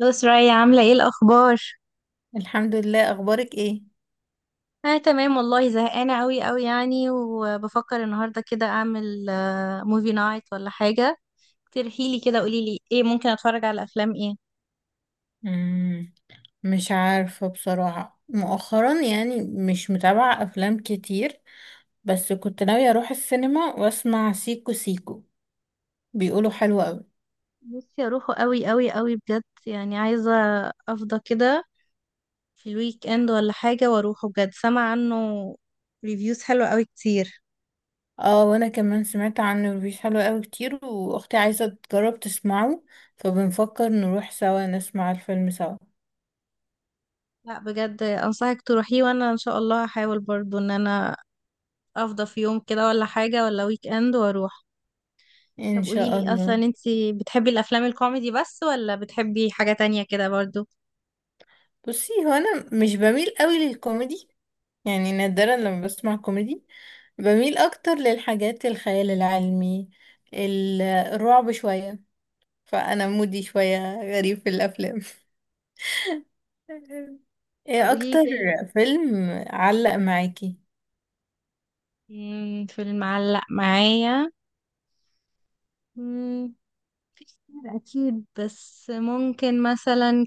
لو سرايا عاملة ايه الأخبار؟ الحمد لله، اخبارك ايه؟ أنا تمام والله، زهقانة أوي أوي يعني، وبفكر النهاردة كده أعمل موفي نايت ولا حاجة. اقترحيلي كده، قوليلي ايه ممكن أتفرج على أفلام ايه؟ مم. مش عارفة بصراحة، مؤخرا يعني مش متابعة افلام كتير. بس كنت ناوية اروح السينما واسمع سيكو سيكو. بيقولوا حلو قوي. نفسي أروحه أوي أوي أوي بجد، يعني عايزة أفضى كده في الويك إند ولا حاجة وأروحه بجد، سامع عنه ريفيوز حلوة أوي كتير. اه وانا كمان سمعت عنه ريفيوز حلو قوي كتير، واختي عايزة تجرب تسمعه. فبنفكر نروح سوا نسمع الفيلم سوا. لا بجد أنصحك تروحيه، وأنا إن شاء الله هحاول برضو إن أنا أفضى في يوم كده ولا حاجة ولا ويك إند وأروح. ان طب قولي شاء لي اصلا الله. انت بتحبي الافلام الكوميدي بس ولا بتحبي حاجة تانية كده برضو؟ بصي، هو انا مش بميل قوي للكوميدي، يعني نادرا لما بسمع كوميدي. بميل اكتر للحاجات الخيال العلمي، الرعب شوية. فانا مودي شوية غريب في الافلام. طب ايه قولي لي اكتر فيلم. فيلم علق معاكي؟ فيلم معلق معايا. مم، في كتير اكيد، بس ممكن مثلا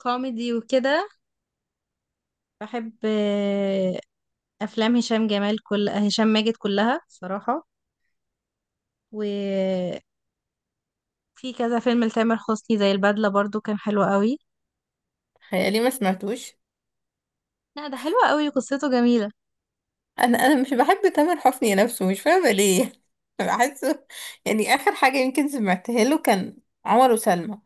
ككوميدي وكده بحب افلام هشام جمال، كل هشام ماجد كلها صراحة. وفي كذا فيلم لتامر حسني زي البدلة برضو، كان حلو قوي. خيالي ما سمعتوش. لا ده حلو قوي، قصته جميلة. انا مش بحب تامر حسني نفسه، مش فاهمة ليه. بحسه، يعني اخر حاجة يمكن سمعتها له كان عمر وسلمى،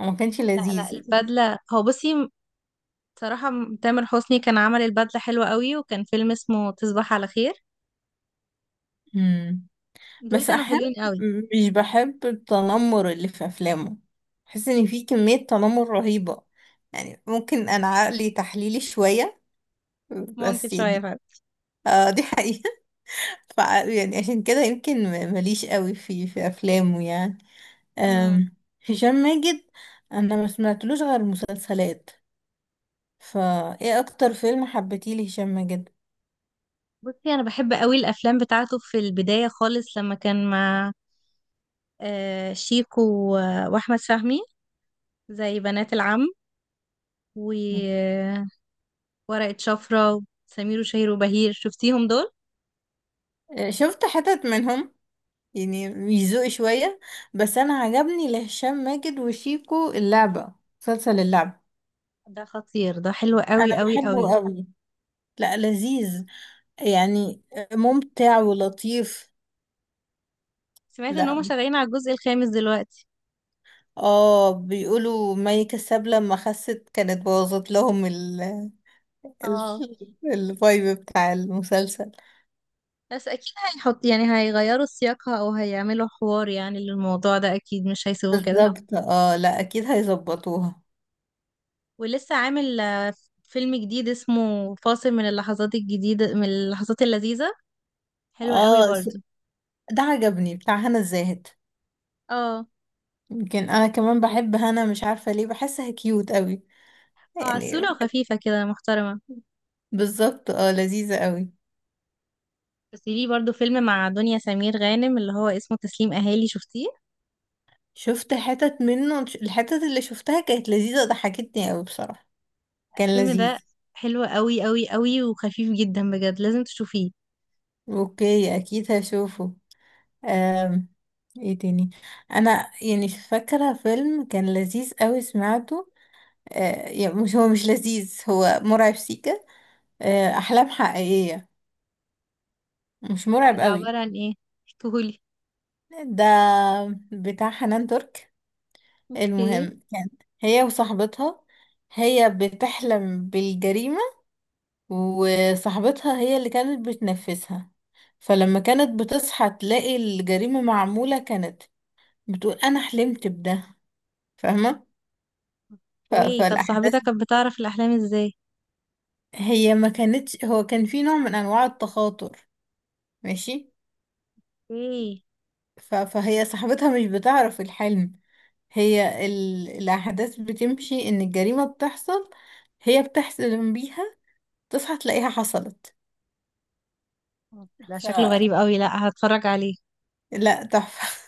وما كانش لا لذيذ البدلة، هو بصي صراحة، تامر حسني كان عمل البدلة حلوة قوي، وكان فيلم اسمه تصبح على خير. يعني. دول بس كانوا احيانا حلوين قوي. مش بحب التنمر اللي في افلامه، بحس ان في كمية تنمر رهيبة. يعني ممكن انا عقلي تحليلي شوية، ممكن بس شوية يعني. فعلا. اه دي حقيقة. ف يعني عشان كده يمكن ماليش قوي في افلامه يعني. مم. أم، هشام ماجد، انا ما سمعتلوش غير مسلسلات. فايه اكتر فيلم حبيتيه لهشام ماجد؟ بصي أنا بحب قوي الأفلام بتاعته في البداية خالص، لما كان مع شيكو و- وأحمد فهمي، زي بنات العم وورقة شفرة وسمير وشهير وبهير. شفتيهم دول؟ أه، شفت حتت منهم يعني، يزوق شوية. بس أنا عجبني لهشام ماجد وشيكو اللعبة، مسلسل اللعبة. ده خطير، ده حلو قوي أنا قوي قوي. بحبه قوي. لا لذيذ، يعني ممتع ولطيف. سمعت ان هم لا شغالين على الجزء الخامس دلوقتي. اه، بيقولوا مي كساب لما خست كانت بوظت لهم ال ال اه، الفايب بتاع المسلسل. بس اكيد هيحط يعني هيغيروا سياقها او هيعملوا حوار يعني للموضوع ده، اكيد مش هيسيبوه كده. بالظبط اه، لا اكيد هيظبطوها. ولسه عامل فيلم جديد اسمه فاصل من اللحظات الجديدة من اللحظات اللذيذة، حلوة قوي اه برضو. ده عجبني بتاع هنا الزاهد. اه. يمكن انا كمان بحب هنا، مش عارفة ليه، بحسها كيوت قوي اه، يعني. عسولة وخفيفة كده، محترمة. بالظبط اه، لذيذة قوي. بس ليه برضو فيلم مع دنيا سمير غانم، اللي هو اسمه تسليم اهالي. شفتيه؟ شفت حتت منه، الحتت اللي شفتها كانت لذيذة، ضحكتني قوي بصراحة. كان الفيلم ده لذيذ. حلو قوي قوي قوي وخفيف جدا بجد، لازم تشوفيه. اوكي اكيد هشوفه. أم. ايه تاني؟ انا يعني فاكرة فيلم كان لذيذ قوي سمعته. أه يعني مش، هو مش لذيذ، هو مرعب، سيكا. أه احلام حقيقية. مش لا مرعب ده قوي. عبارة عن ايه؟ احكيهولي. ده بتاع حنان ترك. اوكي. المهم كان هي وصاحبتها، هي بتحلم بالجريمة، وصاحبتها هي اللي كانت بتنفذها. فلما كانت بتصحى تلاقي الجريمة معمولة، كانت بتقول أنا حلمت بده. فاهمة؟ ايه طب فالأحداث، صاحبتك كانت بتعرف الاحلام ازاي؟ هي ما كانتش، هو كان في نوع من أنواع التخاطر. ماشي. ايه. فهي صاحبتها مش بتعرف الحلم. هي الأحداث بتمشي إن الجريمة بتحصل، هي بتحلم بيها، تصحى تلاقيها حصلت. ده ف شكله غريب قوي، لا هتفرج عليه. لا تحفة.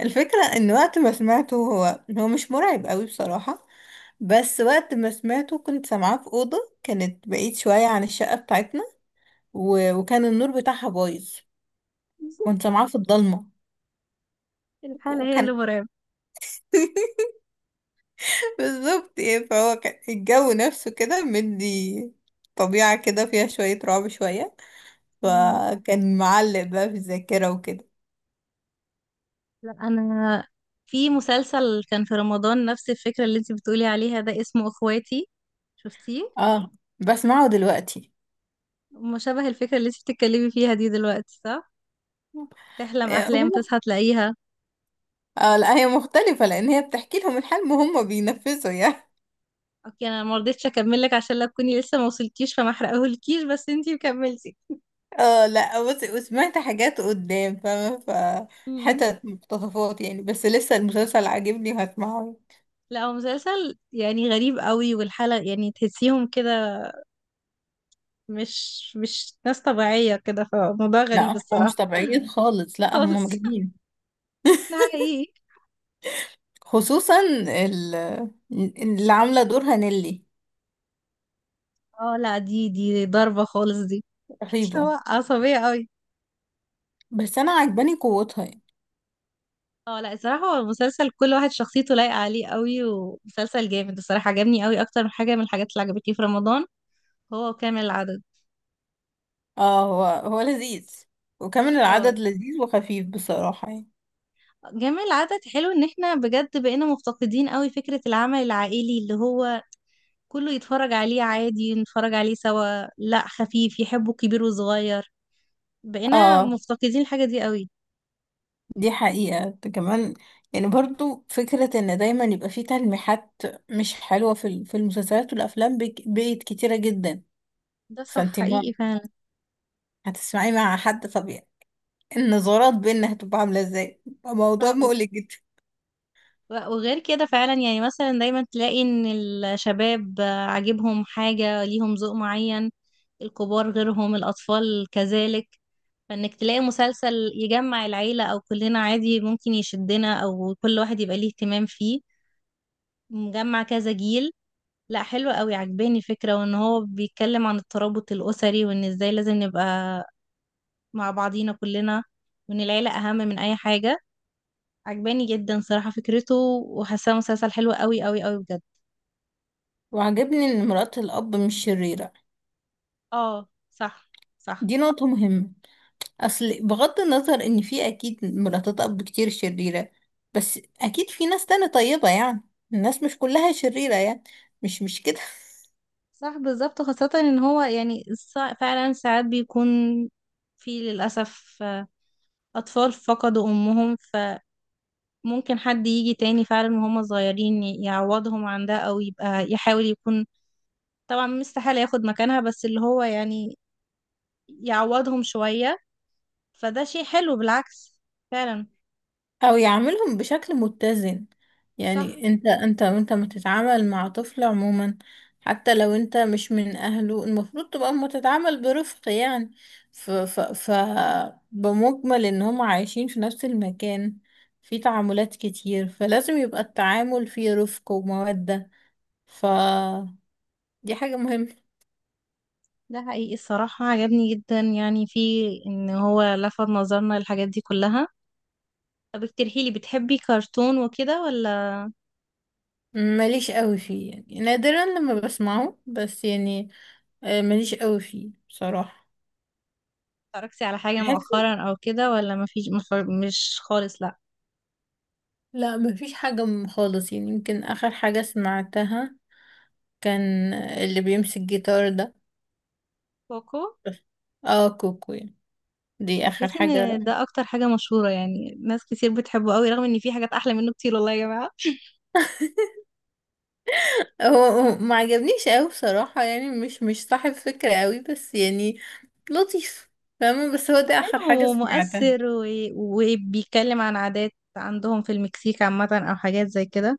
الفكرة ان وقت ما سمعته هو مش مرعب قوي بصراحة، بس وقت ما سمعته كنت سامعاه في أوضة، كانت بعيد شوية عن الشقة بتاعتنا، وكان النور بتاعها بايظ. كنت سامعاه في الضلمة. الحالة هي اللي وكان مرعبة. بالظبط ايه، فهو كان الجو نفسه كده مدي طبيعة كده فيها شوية رعب شوية. مم. فكان معلق بقى في الذاكرة وكده. لا انا في مسلسل كان في رمضان نفس الفكرة اللي انت بتقولي عليها ده، اسمه اخواتي. شفتيه؟ اه بسمعه دلوقتي. مشابه الفكرة اللي انت بتتكلمي فيها دي دلوقتي، صح؟ تحلم آه، احلام هم. تصحى تلاقيها. اه لا، هي مختلفة، لأن هي بتحكي لهم الحلم وهم بينفذوا يعني. اوكي انا ما رضيتش اكمل لك، عشان لا تكوني لسه ما وصلتيش فما احرقهولكيش، بس انت كملتي. اه لا بص، وسمعت حاجات قدام فاهمة، مم. فحتت مقتطفات يعني، بس لسه المسلسل عاجبني وهسمعه. لا هو مسلسل يعني غريب قوي، والحلقة يعني تحسيهم كده مش ناس طبيعية كده، فموضوع لا غريب هم مش الصراحة. طبيعيين خالص، لا هم خالص. مجانين. ده حقيقي. خصوصا اللي عاملة دورها نيلي، اه، لا دي ضربة خالص دي. هو رهيبة. عصبية قوي. بس انا عجباني قوتها يعني. اه، لا الصراحة هو المسلسل كل واحد شخصيته لايقة عليه قوي، ومسلسل جامد الصراحة، عجبني قوي أكتر من حاجة من الحاجات اللي عجبتني في رمضان. هو كامل العدد. اه هو لذيذ، وكمان اه، العدد لذيذ وخفيف بصراحة يعني. جامع العدد حلو، ان احنا بجد بقينا مفتقدين قوي فكرة العمل العائلي اللي هو كله يتفرج عليه عادي، نتفرج عليه سوا، لا خفيف يحبه كبير وصغير. بقينا اه مفتقدين الحاجة دي قوي. دي حقيقة، ده كمان. يعني برضو فكرة ان دايما يبقى في تلميحات مش حلوة في المسلسلات والافلام بقت كتيرة جدا. ده صح، فانت اللي هو حقيقي فعلا. هتسمعي مع حد طبيعي، النظرات بينا هتبقى عاملة ازاي بقى، موضوع صح. مقلق جدا. وغير كده فعلا يعني مثلا دايما تلاقي ان الشباب عاجبهم حاجة ليهم ذوق معين، الكبار غيرهم، الأطفال كذلك. فإنك تلاقي مسلسل يجمع العيلة أو كلنا عادي، ممكن يشدنا أو كل واحد يبقى ليه اهتمام فيه، مجمع كذا جيل. لا حلو قوي، عجباني فكرة وإن هو بيتكلم عن الترابط الأسري، وإن إزاي لازم نبقى مع بعضينا كلنا، وإن العيلة أهم من أي حاجة. عجباني جدا صراحة فكرته، وحاساه مسلسل حلو قوي قوي قوي بجد. وعجبني ان مرات الاب مش شريرة، اه صح. صح. دي نقطة مهمة. اصل بغض النظر ان في اكيد مراتات اب كتير شريرة، بس اكيد في ناس تانية طيبة يعني. الناس مش كلها شريرة يعني، مش كده. صح، بالظبط. خاصة ان هو يعني فعلا ساعات بيكون في للأسف أطفال فقدوا أمهم، فممكن حد يجي تاني فعلا وهم صغيرين يعوضهم عن ده أو يبقى يحاول يكون، طبعا مستحيل ياخد مكانها، بس اللي هو يعني يعوضهم شوية. فده شيء حلو بالعكس فعلا. او يعملهم بشكل متزن. صح. يعني انت وانت ما تتعامل مع طفل عموما، حتى لو انت مش من اهله، المفروض تبقى متتعامل برفق يعني. ف, ف, ف بمجمل ان هم عايشين في نفس المكان، في تعاملات كتير، فلازم يبقى التعامل فيه رفق ومودة. ف دي حاجة مهمة. ده حقيقي الصراحة، عجبني جدا يعني في إن هو لفت نظرنا للحاجات دي كلها. طب اقترحي لي، بتحبي كرتون وكده ولا؟ ماليش قوي فيه، يعني نادرا لما بسمعه، بس يعني. ماليش قوي فيه بصراحة. اتفرجتي على حاجة بحس. مؤخرا او كده ولا ما فيش؟ مش خالص، لا. لا مفيش حاجة خالص يعني. يمكن آخر حاجة سمعتها كان اللي بيمسك جيتار ده. كوكو. بس. اه كوكو يعني. دي آخر تحسي حاجة. ان ده اكتر حاجة مشهورة، يعني ناس كتير بتحبه قوي رغم ان في حاجات احلى منه كتير والله يا جماعة. هو ما عجبنيش أوي بصراحة، يعني مش صاحب فكرة أوي، بس يعني لطيف. فاهمة؟ بس هو دي هو آخر حلو حاجة سمعتها. ومؤثر، و... وبيتكلم عن عادات عندهم في المكسيك عامة او حاجات زي كده.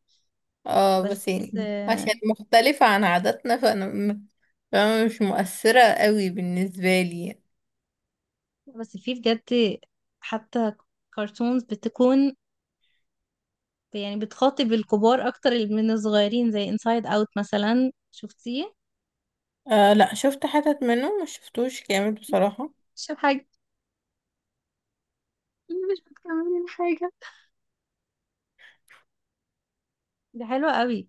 اه بس بس، يعني عشان مختلفة عن عاداتنا، فأنا م- فاهمة مش مؤثرة أوي بالنسبة لي يعني. بس في بجد حتى كرتونز بتكون يعني بتخاطب الكبار اكتر من الصغيرين، زي انسايد اوت مثلا. شفتيه؟ آه لا، شفت حتت منه، مش شفتوش كامل بصراحة. اشرب حاجة، مش بتكملي حاجة. دي حلوة قوي.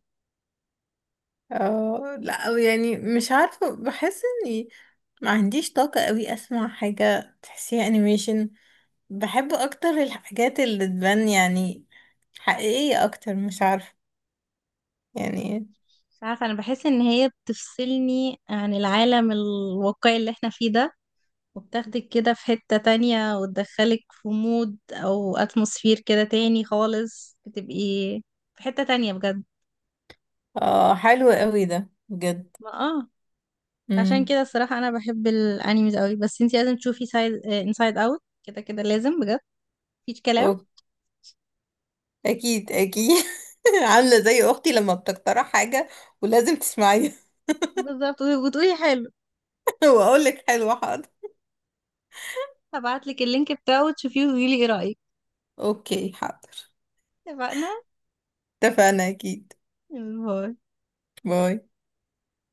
اه لا يعني مش عارفة، بحس اني ما عنديش طاقة قوي اسمع حاجة تحسيها انيميشن. بحب اكتر الحاجات اللي تبان يعني حقيقية اكتر، مش عارفة يعني. مش عارفة، انا بحس ان هي بتفصلني عن العالم الواقعي اللي احنا فيه ده، وبتاخدك كده في حتة تانية وتدخلك في مود او اتموسفير كده تاني خالص، بتبقي في حتة تانية بجد. اه حلو قوي ده بجد. ما اه، عشان امم كده الصراحة انا بحب الانيميز قوي، بس انتي لازم تشوفي سايد انسايد اوت، كده كده لازم بجد، مفيش كلام. أوك- اكيد اكيد. عاملة زي اختي لما بتقترح حاجة ولازم تسمعيها. بالظبط، وتقولي حلو. واقولك حلوة حاضر. هبعتلك اللينك بتاعه وتشوفيه وتقولي ايه رأيك. اوكي حاضر. اتفقنا. اتفقنا اكيد. باي. باي.